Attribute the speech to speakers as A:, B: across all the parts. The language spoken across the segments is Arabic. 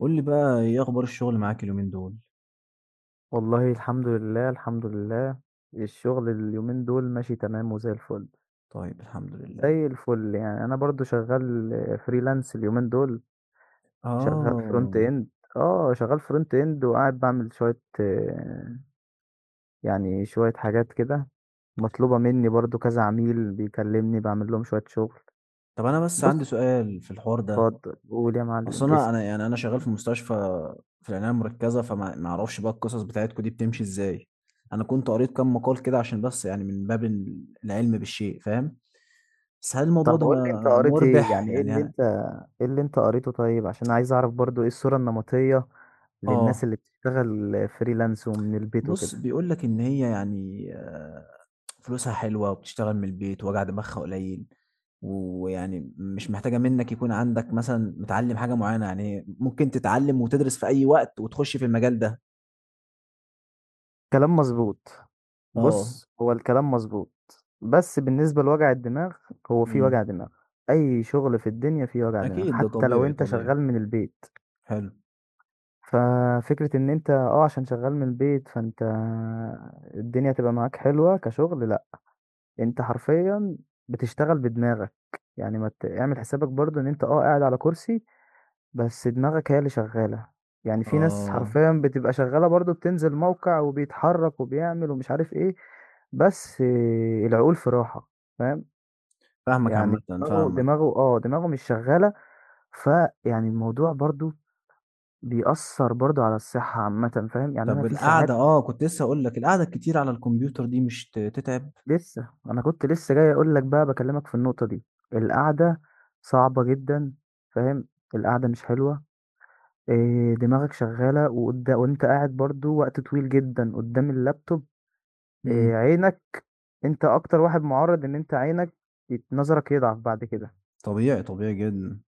A: قُل لي بقى إيه أخبار الشغل معاك اليومين دول؟
B: والله الحمد لله، الحمد لله. الشغل اليومين دول ماشي تمام وزي الفل،
A: طيب الحمد لله.
B: زي الفل يعني أنا برضه شغال freelance اليومين دول، شغال front
A: آه،
B: end شغال front end وقاعد باعمل شوية يعني شوية حاجات كده، مطلوبة مني برضه كذا عميل بيكلمني باعمل لهم شوية شغل.
A: طب أنا بس عندي
B: بُص
A: سؤال في الحوار ده.
B: اتفضل، قُل يا
A: أصل
B: معلم
A: أنا
B: اسأل.
A: يعني أنا شغال في مستشفى في العناية المركزة، فما ما أعرفش بقى القصص بتاعتكم دي بتمشي إزاي. أنا كنت قريت كام مقال كده عشان بس يعني من باب ال العلم بالشيء فاهم، بس هل الموضوع
B: طب
A: ده
B: قُل لي أنت قريت إيه؟
A: مُربح
B: يعني إيه
A: يعني
B: اللي
A: ه
B: أنت ايه اللي انت قريته، طيب عشان عايز اعرف برضو ايه الصورة النمطية للناس
A: آه،
B: اللي بتشتغل فريلانس ومن البيت
A: بُص
B: وكده.
A: بيقول لك إن هي يعني فلوسها حلوة وبتشتغل من البيت وجع دماغها قليل ويعني مش محتاجة منك يكون عندك مثلا متعلم حاجة معينة يعني ممكن تتعلم وتدرس في أي وقت وتخش في المجال ده.
B: كلام مظبوط،
A: اه.
B: بص هو الكلام مظبوط. بس بالنسبة لوجع الدماغ، هو في
A: امم
B: وجع دماغ. اي شغل في الدنيا فيه وجع دماغ
A: أكيد ده
B: حتى لو
A: طبيعي
B: انت
A: طبيعي.
B: شغال من البيت.
A: حلو.
B: ففكرة ان انت عشان شغال من البيت فانت الدنيا تبقى معاك حلوة كشغل، لا، انت حرفيا بتشتغل بدماغك. يعني ما ت- اعمل حسابك برضو ان انت قاعد على كرسي بس دماغك هي اللي شغالة. يعني في ناس
A: اه.
B: حرفيا بتبقى شغالة برضو، بتنزل موقع وبيتحرك وبيعمل ومش عارف ايه، بس آه، العقول في راحة. فاهم؟
A: فاهمك عامة.
B: يعني دماغه
A: فاهمك.
B: دماغه اه دماغه مش شغالة. فيعني الموضوع برضو بيأثر برضو على الصحة عامة. فاهم؟ يعني أنا
A: طب
B: في
A: القعدة،
B: ساعات.
A: اه، كنت لسه أقول لك القعدة الكتير على الكمبيوتر دي مش تتعب.
B: لسه أنا كنت لسه جاي أقول لك بقى، بكلمك في النقطة دي، القعدة صعبة جدا. فاهم؟ القعدة مش حلوة. إيه، دماغك شغالة وقدام، وانت قاعد برضو وقت طويل جدا قدام اللابتوب.
A: امم
B: إيه، عينك، انت اكتر واحد معرض ان انت عينك نظرك يضعف بعد كده.
A: طبيعي طبيعي جدا.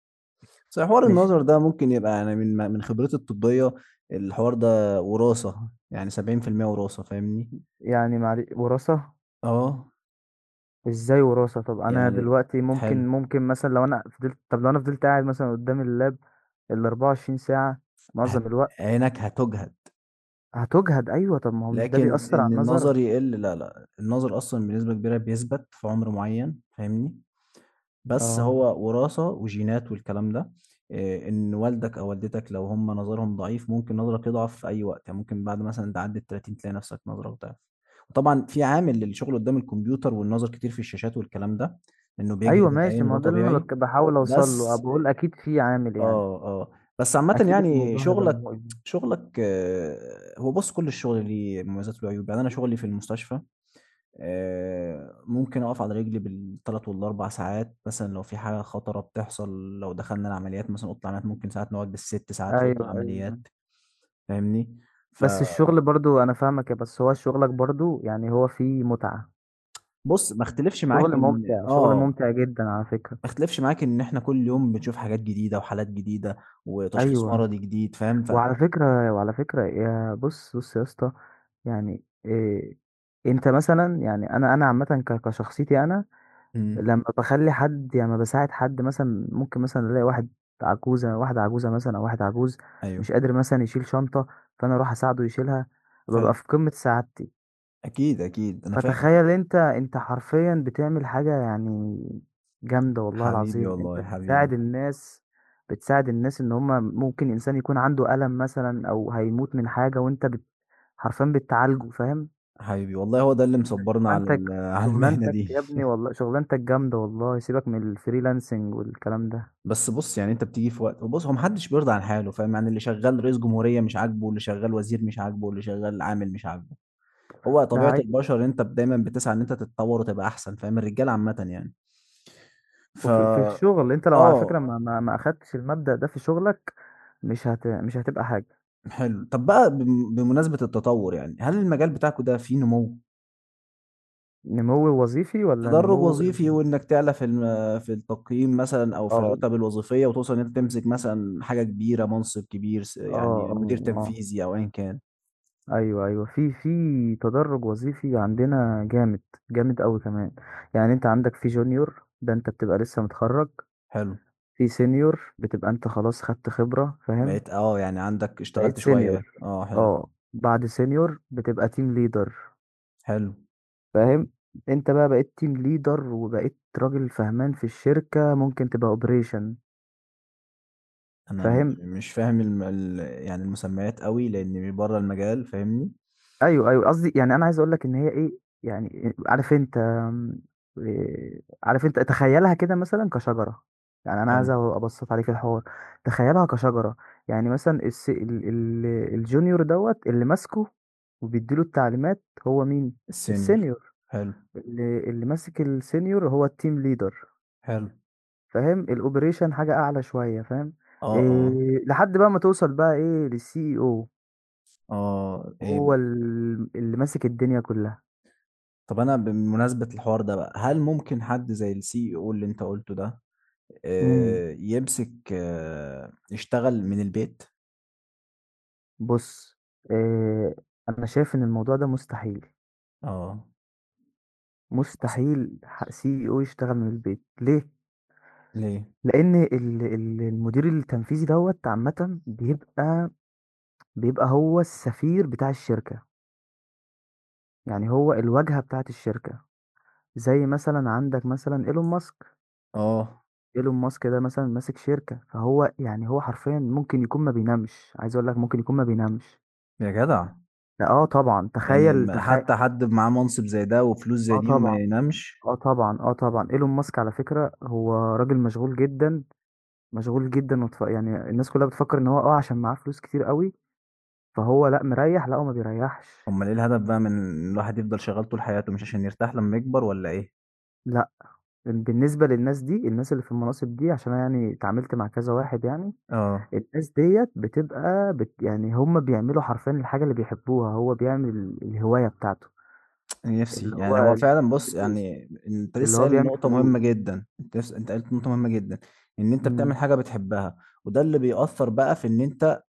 A: بس حوار
B: مش،
A: النظر ده ممكن يبقى يعني من خبرتي الطبية، الحوار ده وراثة يعني 70% وراثة فاهمني.
B: يعني معلش وراثة؟
A: آه،
B: ازاي وراثة؟ طب انا
A: يعني
B: دلوقتي
A: حلو.
B: ممكن، ممكن مثلا لو انا فضلت، طب لو انا فضلت قاعد مثلا قدام اللاب ال 24 ساعة
A: هت
B: معظم الوقت.
A: عينك هتُجهد،
B: هتجهد، ايوه طب ما هو مش ده
A: لكن
B: بيأثر على
A: إن
B: النظر؟
A: النظر يقل لا، لأ، النظر أصلًا بنسبة كبيرة بيثبت في عمر معيّن فاهمني، بس
B: اه،
A: هو وراثة وجينات والكلام ده. إن والدك أو والدتك لو هم نظرهم ضعيف ممكن نظرك يضعف في أي وقت، يعني ممكن بعد مثلًا تعدّي ال30 تلاقي نفسك نظرك ضعف، وطبعًا في عامل للشغل قدّام الكمبيوتر والنظر كتير في الشاشات والكلام ده، إنه
B: ايوه
A: بيجهد
B: ماشي،
A: العين
B: ما
A: وده
B: هو ده اللي انا
A: طبيعي.
B: بحاول اوصل له،
A: بس
B: بقول اكيد في عامل يعني،
A: آه، آه. بس عامةً
B: اكيد
A: يعني
B: الموضوع هيبقى
A: شغلك
B: مؤذي.
A: شغلك هو بُص كل الشغل ليه مميزات وله عيوب. يعني أنا شغلي في المستشفى ممكن أقف على رجلي بال3 وال4 ساعات مثلًا لو في حاجة خطرة بتحصل، لو دخلنا العمليات مثلًا أوضة العمليات ممكن ساعات نقعد بال6 ساعات في أوضة
B: ايوه ايوه،
A: العمليات فاهمني؟
B: بس
A: فبُص،
B: الشغل برضو، انا فاهمك يا، بس هو شغلك برضو يعني هو فيه متعة،
A: ما اختلفش
B: شغل
A: معاك إن
B: ممتع، شغل
A: آه،
B: ممتع جدا على فكرة.
A: ما اختلفش معاك إن إحنا كل يوم بنشوف حاجات جديدة وحالات جديدة وتشخيص
B: ايوه،
A: مرضي جديد فاهم؟ ف
B: وعلى فكرة وعلى فكرة يا، بص بص يا اسطى، يعني إيه، انت مثلا يعني انا عامة كشخصيتي انا،
A: إمم،
B: لما بخلي حد يعني لما بساعد حد مثلا، ممكن مثلا الاقي واحد عجوزة، واحدة عجوزة مثلا او واحد عجوز
A: أيوه،
B: مش قادر مثلا يشيل شنطة، فانا اروح اساعده يشيلها، ببقى
A: حلو.
B: في قمة سعادتي.
A: أكيد، أكيد، أنا فاهم.
B: فتخيل أنت، أنت حرفيًا بتعمل حاجة يعني جامدة والله
A: حبيبي
B: العظيم، أنت
A: والله حبيبي.
B: بتساعد الناس، بتساعد الناس إن هم ممكن إنسان يكون عنده ألم مثلًا أو هيموت من حاجة وأنت بت، حرفيًا بتعالجه، فاهم؟
A: حبيبي والله هو ده اللي مصبرنا على
B: شغلانتك،
A: ال- على المهنة
B: شغلانتك
A: دي.
B: يا ابني والله شغلانتك جامدة والله، سيبك من الfreelancing والكلام ده،
A: بس بص، يعني انت بتيجي في وقت، وبص هو محدش بيرضى عن حاله فاهم، يعني اللي شغال رئيس جمهورية مش عاجبه واللي شغال وزير مش عاجبه واللي شغال عامل مش عاجبه. هو
B: ده
A: طبيعة
B: حقيقي.
A: البشر انت دايما بتسعى ان انت تتطور وتبقى احسن فاهم، الرجال عامة يعني. ف
B: وفي في الشغل أنت لو على فكرة
A: اه،
B: ما أخدتش المبدأ ده في شغلك مش هتبقى حاجة،
A: حلو. طب بقى بمناسبة التطور، يعني هل المجال بتاعكم ده فيه نمو،
B: نمو وظيفي والّا
A: تدرج
B: نمو؟
A: وظيفي، وانك تعلى في في التقييم مثلا او في
B: آه،
A: الرتب الوظيفيه، وتوصل ان انت تمسك مثلا حاجه كبيره، منصب كبير،
B: آه،
A: يعني مدير
B: آه، آه.
A: تنفيذي او ايا كان.
B: أيوه، أيوه، في في تدرُّج وظيفي عندنا جامد، جامد أوي كمان، يعني أنت عندك في junior، ده أنت بتبقى لسه متخرّج،
A: حلو.
B: في senior بتبقى أنت خلاص خدت خبرة، فاهم؟
A: بقيت اه يعني عندك
B: بقيت
A: اشتغلت
B: senior،
A: شويه اه. حلو.
B: آه، بعد senior بتبقى team leader،
A: حلو.
B: فاهم؟ أنت بقى بقيت team leader وبقيت راجل فهمان في الشركة، ممكن تبقى operation،
A: انا م-
B: فاهم؟
A: مش فاهم يعني المسميات قوي لاني بره المجال فاهمني.
B: أيوه، أيوه، قصدي يعني أنا عايز أقول لك إن هي إيه، يعني عارف أنت آمم، عارف أنت تخيّلها كده مثلًا كشجرة، يعني أنا
A: حلو.
B: عايز أبسّط عليك الحوار، تخيّلها كشجرة، يعني مثلًا الس ال ال الjunior دوّة، اللي ماسكه وبيدّي له التعليمات هو مين؟
A: السينيور.
B: الsenior.
A: حلو.
B: اللي ماسك الsenior هو الteam leader،
A: حلو.
B: فاهم؟ الoperation حاجة أعلى شوية، فاهم؟
A: اه. اه.
B: لحد بقى ما توصل بقى إيه للCEO،
A: اه. إيه.
B: هو اللي ماسك الدنيا كلّها.
A: طب انا بمناسبه الحوار ده بقى، هل ممكن حد زي السي او اللي انت قلته ده
B: إمم.
A: يمسك، يشتغل من البيت.
B: بُص، آآ، أنا شايف إن الموضوع ده مستحيل،
A: آه. أصل،
B: مستحيل ح CEO يشتغل من البيت، ليه؟
A: ليه؟
B: لإن ال المدير التنفيذي دوّة عامةً بيبقى، بيبقى هو السفير بتاع الشركة، يعني هو الواجهة بتاعة الشركة، زي مثلًا عندك مثلًا إيلون ماسك،
A: آه،
B: إيلون ماسك ده مثلًا ماسك شركة، فهو يعني هو حرفيًا ممكن يكون ما بينامش، عايز أقول لك ممكن يكون ما بينامش،
A: يا جدع!
B: آه طبعًا
A: يعني
B: تخيّل
A: ما حتى حد معاه منصب زي ده وفلوس زي
B: آه
A: دي وما
B: طبعًا.
A: ينامش.
B: اه طبعا، اه طبعا، ايلون ماسك على فكرة هو راجل مشغول جدا، مشغول جدا يعني الناس كلها بتفكر ان هو عشان معاه فلوس كتير قوي، فهو لا مريح، لا هو ما بيريحش.
A: أمّال إيه الهدف بقى من إن الواحد يفضل شغّال طول حياته، مش عشان يرتاح لمّا يكبر والّا إيه؟
B: لا بالنسبة للناس دي، الناس اللي في المناصب دي، عشان أنا يعني اتعاملت مع كذا واحد يعني،
A: آه،
B: الناس ديت بتبقى يعني هم بيعملوا حرفيا الحاجة اللي بيحبوها، هو بيعمل الهواية بتاعته
A: نفسي.
B: اللي
A: يعني هو
B: هو
A: فعلًا بُص،
B: الفلوس،
A: يعني أنت
B: اللي
A: لسه
B: هو
A: قايل
B: بيعمل
A: نقطة
B: فلوس.
A: مهمة جدًا، أنت قُلت نقطة مهمة جدًا، إن أنت بتعمل
B: مم.
A: حاجة بتحبها، وده اللي بيأثّر بقى في إن أنت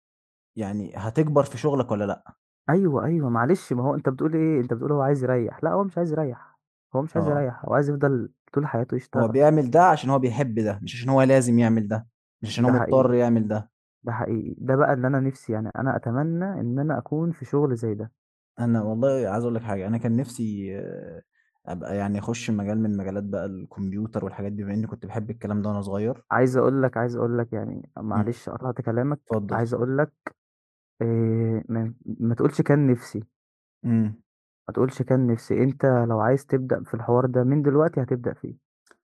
A: يعني هتكبر في شغلك والّا لأ.
B: أيوه، أيوه، معلش ما هو أنت بتقول إيه، أنت بتقول هو عايز يريّح، لأ هو مش عايز يريّح، هو مش عايز
A: آه.
B: يريّح، هو عايز يفضل طول حياته
A: هو
B: يشتغل،
A: بيعمل ده عشان هو بيحب ده مش عشان هو لازم يعمل ده، مش عشان هو
B: ده
A: مضطر
B: حقيقي،
A: يعمل ده.
B: ده حقيقي، ده بقى اللي أنا نِفْسي، يعني أنا أتمنى إن أنا أكون في شغل زي ده،
A: انا والله عايز اقول لك حاجه، انا كان نفسي آه، ابقى يعني اخش مجال من مجالات بقى الكمبيوتر والحاجات دي بما اني كنت بحب الكلام ده وانا صغير.
B: عايز أقول لك، عايز أقول لك يعني
A: مم.
B: معلش قطعت كلامك،
A: اتفضل
B: عايز
A: اتفضل.
B: أقول لك آآ، ما تقولش كان نِفْسي،
A: امم
B: ما تقولش كان نِفْسي، أنت لو عايز تبدأ في الحوار ده من دلوقتي هتبدأ فيه،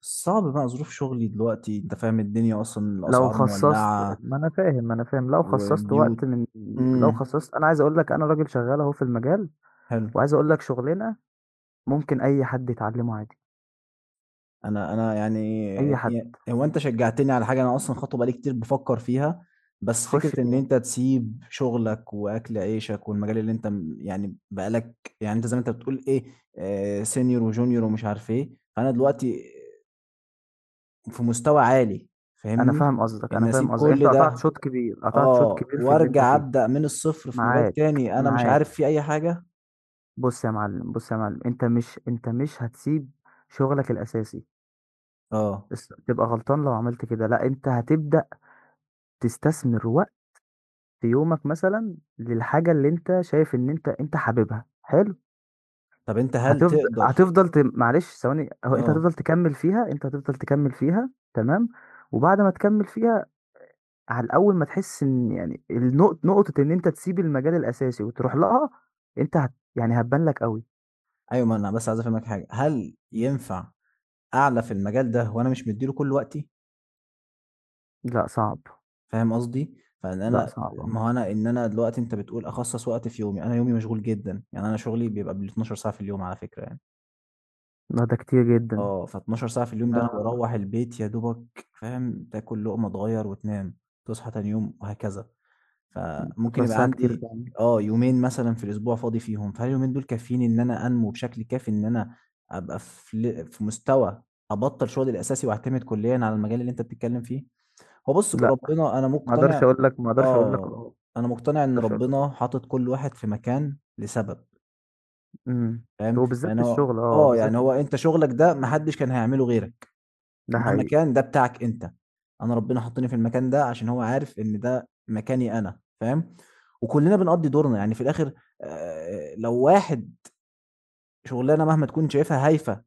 A: صعب بقى ظروف شغلي دلوقتي، انت فاهم الدنيا اصلا
B: لو
A: الاسعار
B: خصّصت،
A: مولعه
B: ما أنا فاهم، ما أنا فاهم، لو خصّصت
A: وبيوت.
B: وقت من، لو
A: امم
B: خصّصت، أنا عايز أقول لك أنا راجل شغّال أهو في المجال،
A: حلو.
B: وعايز أقول لك شغلانة ممكن أي حد يتعلمه عادي،
A: انا انا يعني
B: أي حد،
A: هو انت شجعتني على حاجه انا اصلا خطوه بقالي كتير بفكر فيها، بس
B: خُش
A: فكره ان
B: فيها.
A: انت تسيب شغلك واكل عيشك والمجال اللي انت يعني بقالك، يعني انت زي ما انت بتقول ايه، آه سينيور وجونيور ومش عارف ايه، فانا دلوقتي في مستوى عالي
B: أنا
A: فاهمني،
B: فاهم قصدك،
A: ان
B: أنا فاهم
A: اسيب
B: قصدك، أنت
A: كل
B: قطعت
A: ده
B: شوط كبير، قطعت شوط
A: اه
B: كبير في اللي أنت
A: وارجع
B: فيه،
A: ابدا من الصفر في مجال
B: معاك،
A: تاني انا مش
B: معاك،
A: عارف فيه اي حاجه.
B: بُص يا معلم، بُص يا معلم، أنت مش هتسيب شغلك الأساسي،
A: اه.
B: بس تبقى غلطان لو عملت كده، لأ أنت هتبدأ تستثمر وقت يومك مثلًا للحاجة اللي أنت شايف إن أنت حاببها، حلو،
A: طب انت هل
B: هتفض
A: تقدر؟
B: هتفضل ت معلش ثواني، هو أنت
A: اه،
B: هتفضل تكمّل فيها، أنت هتفضل تكمّل فيها تمام، وبعد ما تكمّل فيها، على أول ما تحس إن يعني نقطة إن أنت تسيب المجال الأساسي وتروح لها، أنت هت يعني هتبان لك أوي.
A: ايوه، ما انا بس عايز افهمك حاجه، هل ينفع أعلى في المجال ده وأنا مش مدّي له كل وقتي،
B: لأ صعب،
A: فاهم قصدي؟ فإن
B: لأ
A: أنا،
B: صعب أوي،
A: ما هو أنا، إن أنا دلوقتي أنت بتقول أخصّص وقت في يومي، أنا يومي مشغول جدًا، يعني أنا شغلي بيبقى بال12 ساعة في اليوم على فكرة يعني،
B: لأ ده كتير جدًا،
A: آه، ف12 ساعة في اليوم
B: ده
A: دي أنا باروّح البيت يا دوبك فاهم، تاكل لقمة تغيّر وتنام، تصحى تاني يوم وهكذا، فممكن
B: 12
A: يبقى
B: ساعة كتير
A: عندي
B: فعلًا،
A: آه، يومين مثلًا في الأسبوع فاضي فيهم، فهل اليومين دول كافيين إن أنا أنمو بشكل كافي إن أنا أبقى في مستوى أبطّل شغلي الأساسي وأعتمد كليًا على المجال اللي أنت بتتكلم فيه؟ هو بُص،
B: لأ
A: ربنا أنا
B: ما أقدرش
A: مقتنع،
B: أقول لك ما أقدرش أقول لك آه،
A: آه،
B: ما
A: أنا مقتنع إن
B: أقدرش أقول لك آه،
A: ربنا حاطط كل واحد في مكان لسبب،
B: إمم،
A: فاهم؟
B: وبالذات في
A: يعني هو
B: الشغل آه،
A: آه،
B: بالذات
A: يعني
B: في
A: هو
B: الشغل،
A: أنت شغلك ده ما حدش كان هيعمله غيرك،
B: ده
A: مهما
B: حقيقي،
A: كان ده بتاعك أنت، أنا ربنا حطني في المكان ده عشان هو عارف إن ده مكاني أنا، فاهم؟ وكلنا بنقضّي دورنا، يعني في الآخر لو واحد، شغلانة مهما تكون شايفها هايفة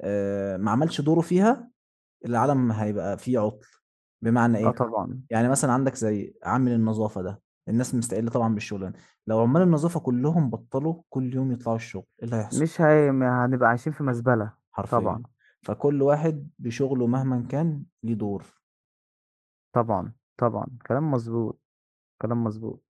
A: ما عملش دوره فيها، العالم هيبقى فيه عطل. بمعنى
B: آه
A: ايه؟
B: طبعًا،
A: يعني مثلا عندك زي عامل النظافه ده، الناس مستقله طبعا بالشغلانه، لو عمال النظافه كلهم بطلوا كل يوم يطلعوا الشغل ايه اللي هيحصل؟
B: مش هي، ما هنبقى عايشين في مزبلة، طبعًا،
A: حرفيا. فكل واحد بشغله مهما كان ليه دور.
B: طبعًا، طبعًا، كلام مضبوط، كلام مضبوط.